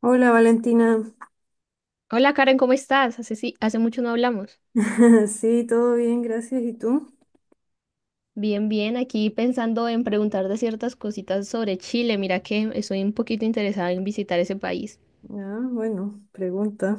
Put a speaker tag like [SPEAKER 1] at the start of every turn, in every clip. [SPEAKER 1] Hola Valentina,
[SPEAKER 2] Hola Karen, ¿cómo estás? Hace mucho no hablamos.
[SPEAKER 1] sí, todo bien, gracias. ¿Y tú?
[SPEAKER 2] Bien, bien, aquí pensando en preguntar de ciertas cositas sobre Chile. Mira que estoy un poquito interesada en visitar ese país.
[SPEAKER 1] Ah, bueno, pregunta.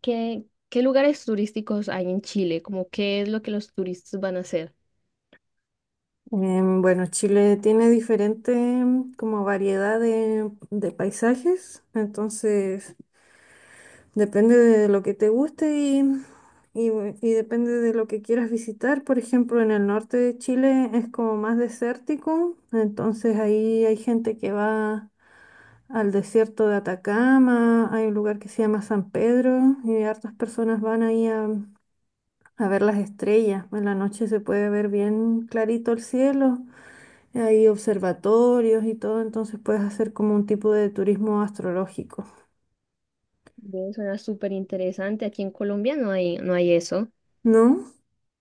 [SPEAKER 2] ¿Qué, ¿Qué lugares turísticos hay en Chile? ¿Como qué es lo que los turistas van a hacer?
[SPEAKER 1] Bueno, Chile tiene diferente como variedad de paisajes, entonces depende de lo que te guste y depende de lo que quieras visitar. Por ejemplo, en el norte de Chile es como más desértico, entonces ahí hay gente que va al desierto de Atacama. Hay un lugar que se llama San Pedro y hartas personas van ahí a ver las estrellas. En la noche se puede ver bien clarito el cielo, hay observatorios y todo, entonces puedes hacer como un tipo de turismo astrológico,
[SPEAKER 2] Ve, suena súper interesante. Aquí en Colombia no hay eso.
[SPEAKER 1] ¿no?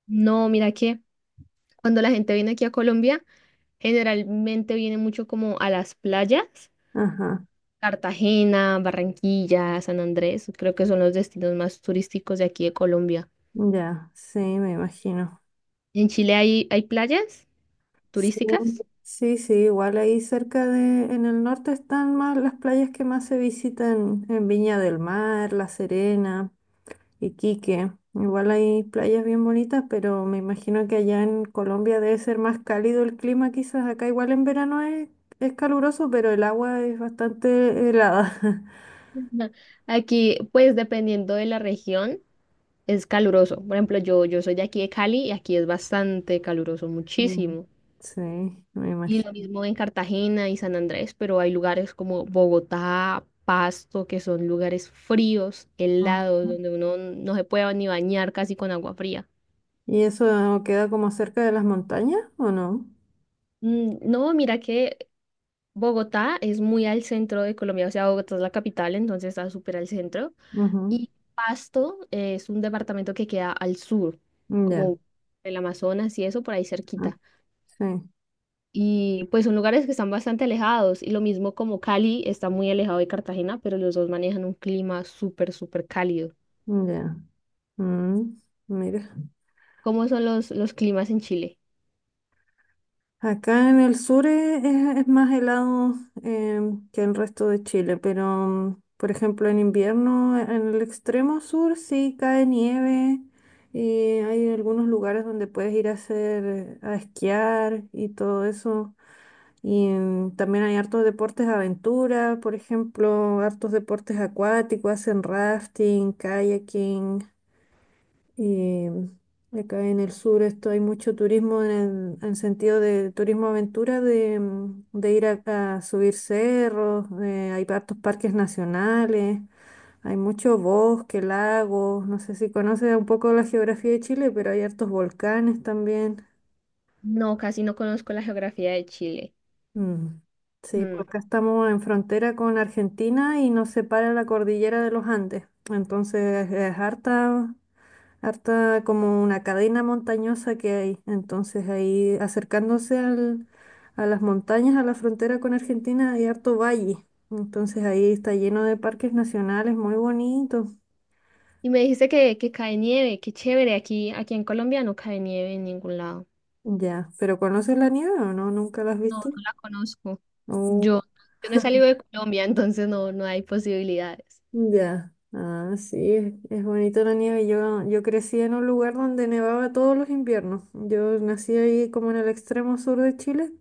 [SPEAKER 2] No, mira que cuando la gente viene aquí a Colombia, generalmente viene mucho como a las playas:
[SPEAKER 1] Ajá,
[SPEAKER 2] Cartagena, Barranquilla, San Andrés, creo que son los destinos más turísticos de aquí de Colombia.
[SPEAKER 1] ya, sí, me imagino.
[SPEAKER 2] ¿En Chile hay playas
[SPEAKER 1] Sí,
[SPEAKER 2] turísticas?
[SPEAKER 1] sí, sí, igual ahí cerca de, en el norte están más las playas que más se visitan, en Viña del Mar, La Serena. Iquique. Igual hay playas bien bonitas, pero me imagino que allá en Colombia debe ser más cálido el clima, quizás. Acá igual en verano es caluroso, pero el agua es bastante helada.
[SPEAKER 2] Ujú. Aquí, pues dependiendo de la región, es caluroso. Por ejemplo, yo soy de aquí de Cali y aquí es bastante caluroso,
[SPEAKER 1] Mm.
[SPEAKER 2] muchísimo.
[SPEAKER 1] Sí, me
[SPEAKER 2] Y lo
[SPEAKER 1] imagino.
[SPEAKER 2] mismo en Cartagena y San Andrés, pero hay lugares como Bogotá, Pasto, que son lugares fríos,
[SPEAKER 1] Ah.
[SPEAKER 2] helados, donde uno no se puede ni bañar casi con agua fría.
[SPEAKER 1] ¿Y eso queda como cerca de las montañas o no?
[SPEAKER 2] No, mira que Bogotá es muy al centro de Colombia, o sea, Bogotá es la capital, entonces está súper al centro.
[SPEAKER 1] Ujú.
[SPEAKER 2] Y Pasto es un departamento que queda al sur,
[SPEAKER 1] Ya,
[SPEAKER 2] como el Amazonas y eso, por ahí
[SPEAKER 1] ah,
[SPEAKER 2] cerquita.
[SPEAKER 1] sí,
[SPEAKER 2] Y pues son lugares que están bastante alejados. Y lo mismo, como Cali está muy alejado de Cartagena, pero los dos manejan un clima súper, súper cálido.
[SPEAKER 1] ya. Mm, mira.
[SPEAKER 2] ¿Cómo son los climas en Chile?
[SPEAKER 1] Acá en el sur es más helado eh, que el resto de Chile, pero por ejemplo en invierno en el extremo sur sí cae nieve y hay algunos lugares donde puedes ir a hacer, a esquiar y todo eso. Y también hay hartos deportes de aventura, por ejemplo, hartos deportes acuáticos, hacen rafting, kayaking. Y acá en el sur esto hay mucho turismo en sentido de turismo aventura, de ir a subir cerros, hay hartos parques nacionales, hay mucho bosque, lagos, no sé si conoces un poco la geografía de Chile, pero hay hartos volcanes también.
[SPEAKER 2] No, casi no conozco la geografía de Chile.
[SPEAKER 1] Mm. Sí,
[SPEAKER 2] Mm.
[SPEAKER 1] pues acá estamos en frontera con Argentina y nos separa la cordillera de los Andes, entonces es harta, como una cadena montañosa que hay. Entonces ahí a las montañas, a la frontera con Argentina, hay harto valle. Entonces ahí está lleno de parques nacionales, muy bonito.
[SPEAKER 2] Y me dijiste que cae nieve, qué chévere, aquí en Colombia no cae nieve en ningún lado.
[SPEAKER 1] Ya, pero ¿conoces la nieve o no? ¿Nunca la has
[SPEAKER 2] No,
[SPEAKER 1] visto?
[SPEAKER 2] no la conozco.
[SPEAKER 1] Oh,
[SPEAKER 2] Yo, yo no he salido de Colombia, entonces no, no hay posibilidades.
[SPEAKER 1] ya. Ah, sí, es bonito la nieve. Yo crecí en un lugar donde nevaba todos los inviernos. Yo nací ahí como en el extremo sur de Chile.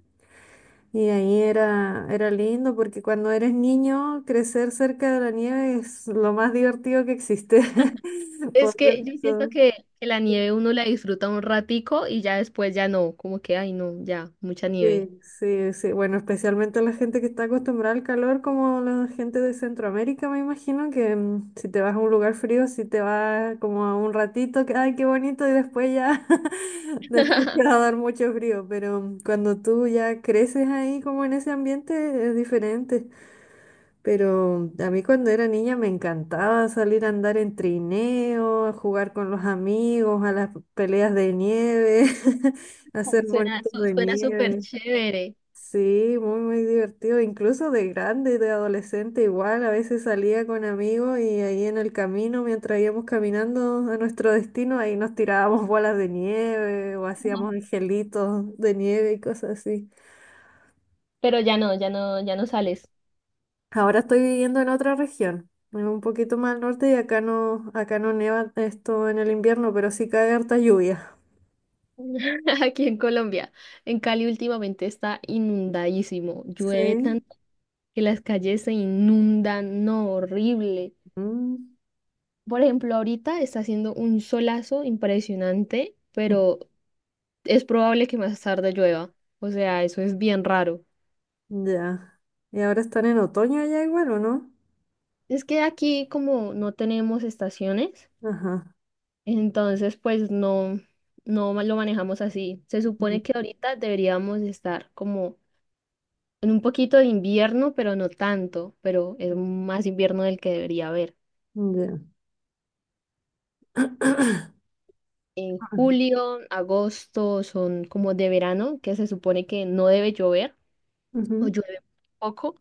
[SPEAKER 1] Y ahí era lindo porque cuando eres niño, crecer cerca de la nieve es lo más divertido que existe.
[SPEAKER 2] Es
[SPEAKER 1] Poder
[SPEAKER 2] que yo siento
[SPEAKER 1] to-
[SPEAKER 2] que la nieve uno la disfruta un ratico y ya después ya no, como que, ay no, ya, mucha nieve.
[SPEAKER 1] Sí, sí, sí. Bueno, especialmente la gente que está acostumbrada al calor, como la gente de Centroamérica, me imagino que si te vas a un lugar frío, si te vas como a un ratito, que ay, qué bonito, y después ya, después te va a dar mucho frío. Pero cuando tú ya creces ahí, como en ese ambiente, es diferente. Pero a mí cuando era niña me encantaba salir a andar en trineo, a jugar con los amigos, a las peleas de nieve, a
[SPEAKER 2] Ay,
[SPEAKER 1] hacer monitos de
[SPEAKER 2] Suena súper
[SPEAKER 1] nieve.
[SPEAKER 2] chévere.
[SPEAKER 1] Sí, muy, muy divertido. Incluso de grande, de adolescente, igual. A veces salía con amigos y ahí en el camino, mientras íbamos caminando a nuestro destino, ahí nos tirábamos bolas de nieve o
[SPEAKER 2] Ajá.
[SPEAKER 1] hacíamos angelitos de nieve y cosas así.
[SPEAKER 2] Pero ya no, ya no, ya no sales.
[SPEAKER 1] Ahora estoy viviendo en otra región, en un poquito más al norte y acá no nieva esto en el invierno, pero sí cae harta lluvia.
[SPEAKER 2] Aquí en Colombia, en Cali últimamente está inundadísimo. Llueve
[SPEAKER 1] Sí.
[SPEAKER 2] tanto que las calles se inundan, no, horrible.
[SPEAKER 1] Mm,
[SPEAKER 2] Por ejemplo, ahorita está haciendo un solazo impresionante, pero es probable que más tarde llueva. O sea, eso es bien raro.
[SPEAKER 1] ya. ¿Y ahora están en otoño allá igual o no?
[SPEAKER 2] Es que aquí como no tenemos estaciones,
[SPEAKER 1] Ajá.
[SPEAKER 2] entonces pues no, no ma- lo manejamos así. Se
[SPEAKER 1] Mm,
[SPEAKER 2] supone que ahorita deberíamos estar como en un poquito de invierno, pero no tanto, pero es más invierno del que debería haber.
[SPEAKER 1] ya.
[SPEAKER 2] En
[SPEAKER 1] Ay,
[SPEAKER 2] julio, agosto son como de verano, que se supone que no debe llover o
[SPEAKER 1] ujú.
[SPEAKER 2] llueve poco.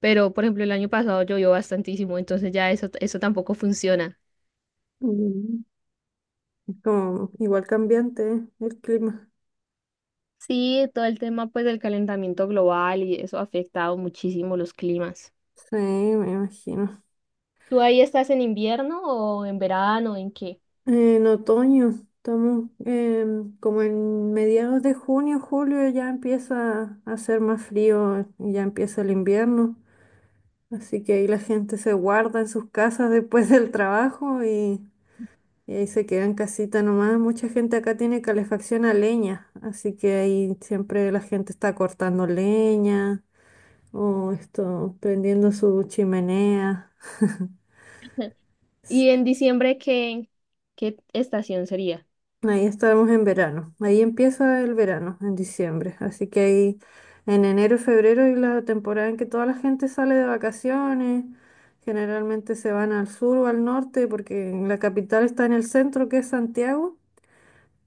[SPEAKER 2] Pero, por ejemplo, el año pasado llovió bastantísimo, entonces ya eso tampoco funciona.
[SPEAKER 1] Mm, es como igual cambiante, ¿eh? El clima.
[SPEAKER 2] Sí, todo el tema pues del calentamiento global y eso ha afectado muchísimo los climas.
[SPEAKER 1] Sí, me imagino.
[SPEAKER 2] ¿Tú ahí estás en invierno o en verano, en qué?
[SPEAKER 1] En otoño, estamos como en mediados de junio, julio ya empieza a hacer más frío, ya empieza el invierno, así que ahí la gente se guarda en sus casas después del y ahí se queda en casita nomás. Mucha gente acá tiene calefacción a leña, así que ahí siempre la gente está cortando leña o esto, prendiendo su chimenea.
[SPEAKER 2] Y en diciembre, ¿qué estación sería?
[SPEAKER 1] Ahí estamos en verano. Ahí empieza el verano, en diciembre. Así que ahí en enero y febrero es la temporada en que toda la gente sale de vacaciones. Generalmente se van al sur o al norte porque la capital está en el centro, que es Santiago,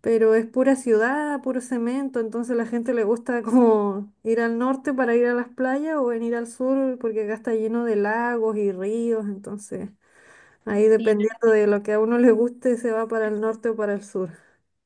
[SPEAKER 1] pero es pura ciudad, puro cemento. Entonces la gente le gusta como ir al norte para ir a las playas o venir al sur porque acá está lleno de lagos y ríos. Entonces ahí
[SPEAKER 2] Sí,
[SPEAKER 1] dependiendo de lo que a uno le guste se va para el norte o para el sur.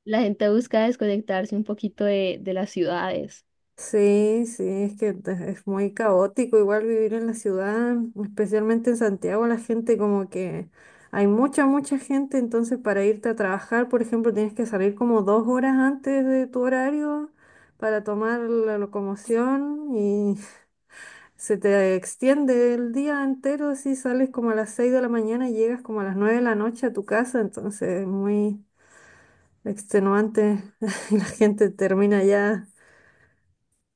[SPEAKER 2] la gente busca desconectarse un poquito de las ciudades.
[SPEAKER 1] Sí, sí, es muy caótico igual vivir en la ciudad, especialmente en Santiago, la gente como que hay mucha gente, entonces para irte a trabajar, por ejemplo, tienes que salir como dos horas antes de tu horario para tomar la locomoción y se te extiende el día entero, si sales como a las seis de la mañana y llegas como a las nueve de la noche a tu casa, entonces es muy extenuante y la gente termina ya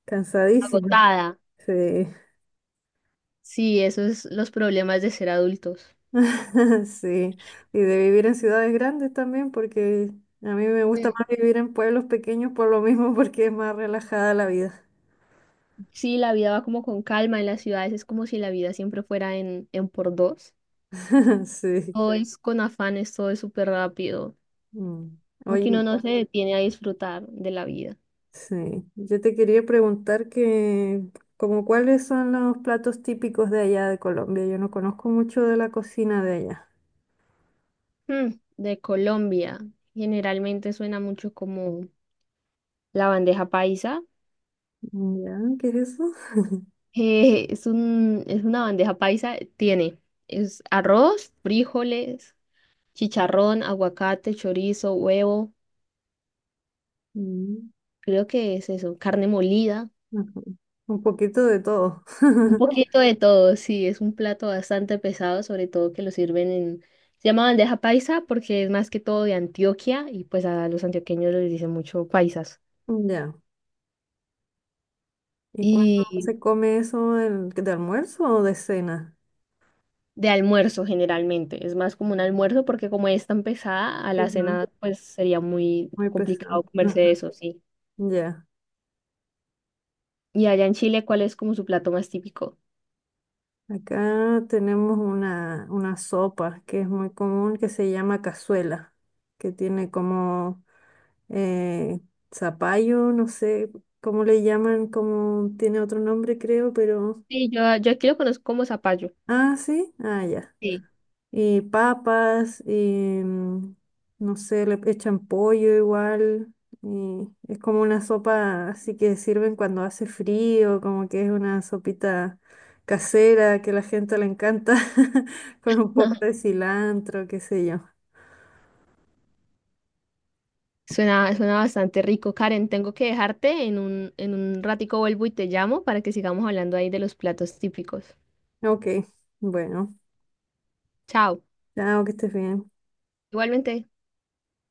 [SPEAKER 1] cansadísima.
[SPEAKER 2] Agotada.
[SPEAKER 1] Sí.
[SPEAKER 2] Sí, eso es los problemas de ser adultos.
[SPEAKER 1] Sí, y de vivir en ciudades grandes también, porque a mí me gusta
[SPEAKER 2] Mm.
[SPEAKER 1] más vivir en pueblos pequeños por lo mismo, porque es más relajada la vida.
[SPEAKER 2] Sí, la vida va como con calma en las ciudades, es como si la vida siempre fuera en por dos.
[SPEAKER 1] Sí.
[SPEAKER 2] Todo es con afanes, todo es súper rápido.
[SPEAKER 1] Mm.
[SPEAKER 2] Como que uno
[SPEAKER 1] Oye,
[SPEAKER 2] no se detiene a disfrutar de la vida.
[SPEAKER 1] sí, yo te quería preguntar que, como cuáles son los platos típicos de allá de Colombia. Yo no conozco mucho de la cocina de allá.
[SPEAKER 2] Mm, de Colombia, generalmente suena mucho como la bandeja paisa.
[SPEAKER 1] ¿Ya? ¿Qué es eso?
[SPEAKER 2] Es una bandeja paisa, tiene es arroz, frijoles, chicharrón, aguacate, chorizo, huevo,
[SPEAKER 1] Mm,
[SPEAKER 2] creo que es eso, carne molida.
[SPEAKER 1] ajá. Un poquito de todo.
[SPEAKER 2] Un poquito de todo, sí, es un plato bastante pesado, sobre todo que lo sirven en... Se llama bandeja paisa porque es más que todo de Antioquia y pues a los antioqueños les dicen mucho paisas.
[SPEAKER 1] Ya. ¿Y cuándo
[SPEAKER 2] Y
[SPEAKER 1] se come eso, de almuerzo o de cena?
[SPEAKER 2] de almuerzo generalmente, es más como un almuerzo porque como es tan pesada, a la
[SPEAKER 1] Ajá.
[SPEAKER 2] cena pues sería muy
[SPEAKER 1] Muy pesado.
[SPEAKER 2] complicado comerse
[SPEAKER 1] Ajá.
[SPEAKER 2] eso, sí.
[SPEAKER 1] Ya.
[SPEAKER 2] Y allá en Chile, ¿cuál es como su plato más típico?
[SPEAKER 1] Acá tenemos una sopa que es muy común que se llama cazuela, que tiene como eh, zapallo, no sé cómo le llaman, como tiene otro nombre creo, pero...
[SPEAKER 2] Sí, yo aquí lo conozco como zapallo.
[SPEAKER 1] Ah, sí. Ah, ya.
[SPEAKER 2] Sí.
[SPEAKER 1] Papas, no sé, le echan pollo igual. Y es como una sopa así que sirven cuando hace frío, como que es una sopita casera que a la gente le encanta, con un poco de cilantro, qué sé yo.
[SPEAKER 2] Suena bastante rico. Karen, tengo que dejarte. En un ratico vuelvo y te llamo para que sigamos hablando ahí de los platos típicos.
[SPEAKER 1] Ok, bueno,
[SPEAKER 2] Chao.
[SPEAKER 1] chao, que estés bien.
[SPEAKER 2] Igualmente.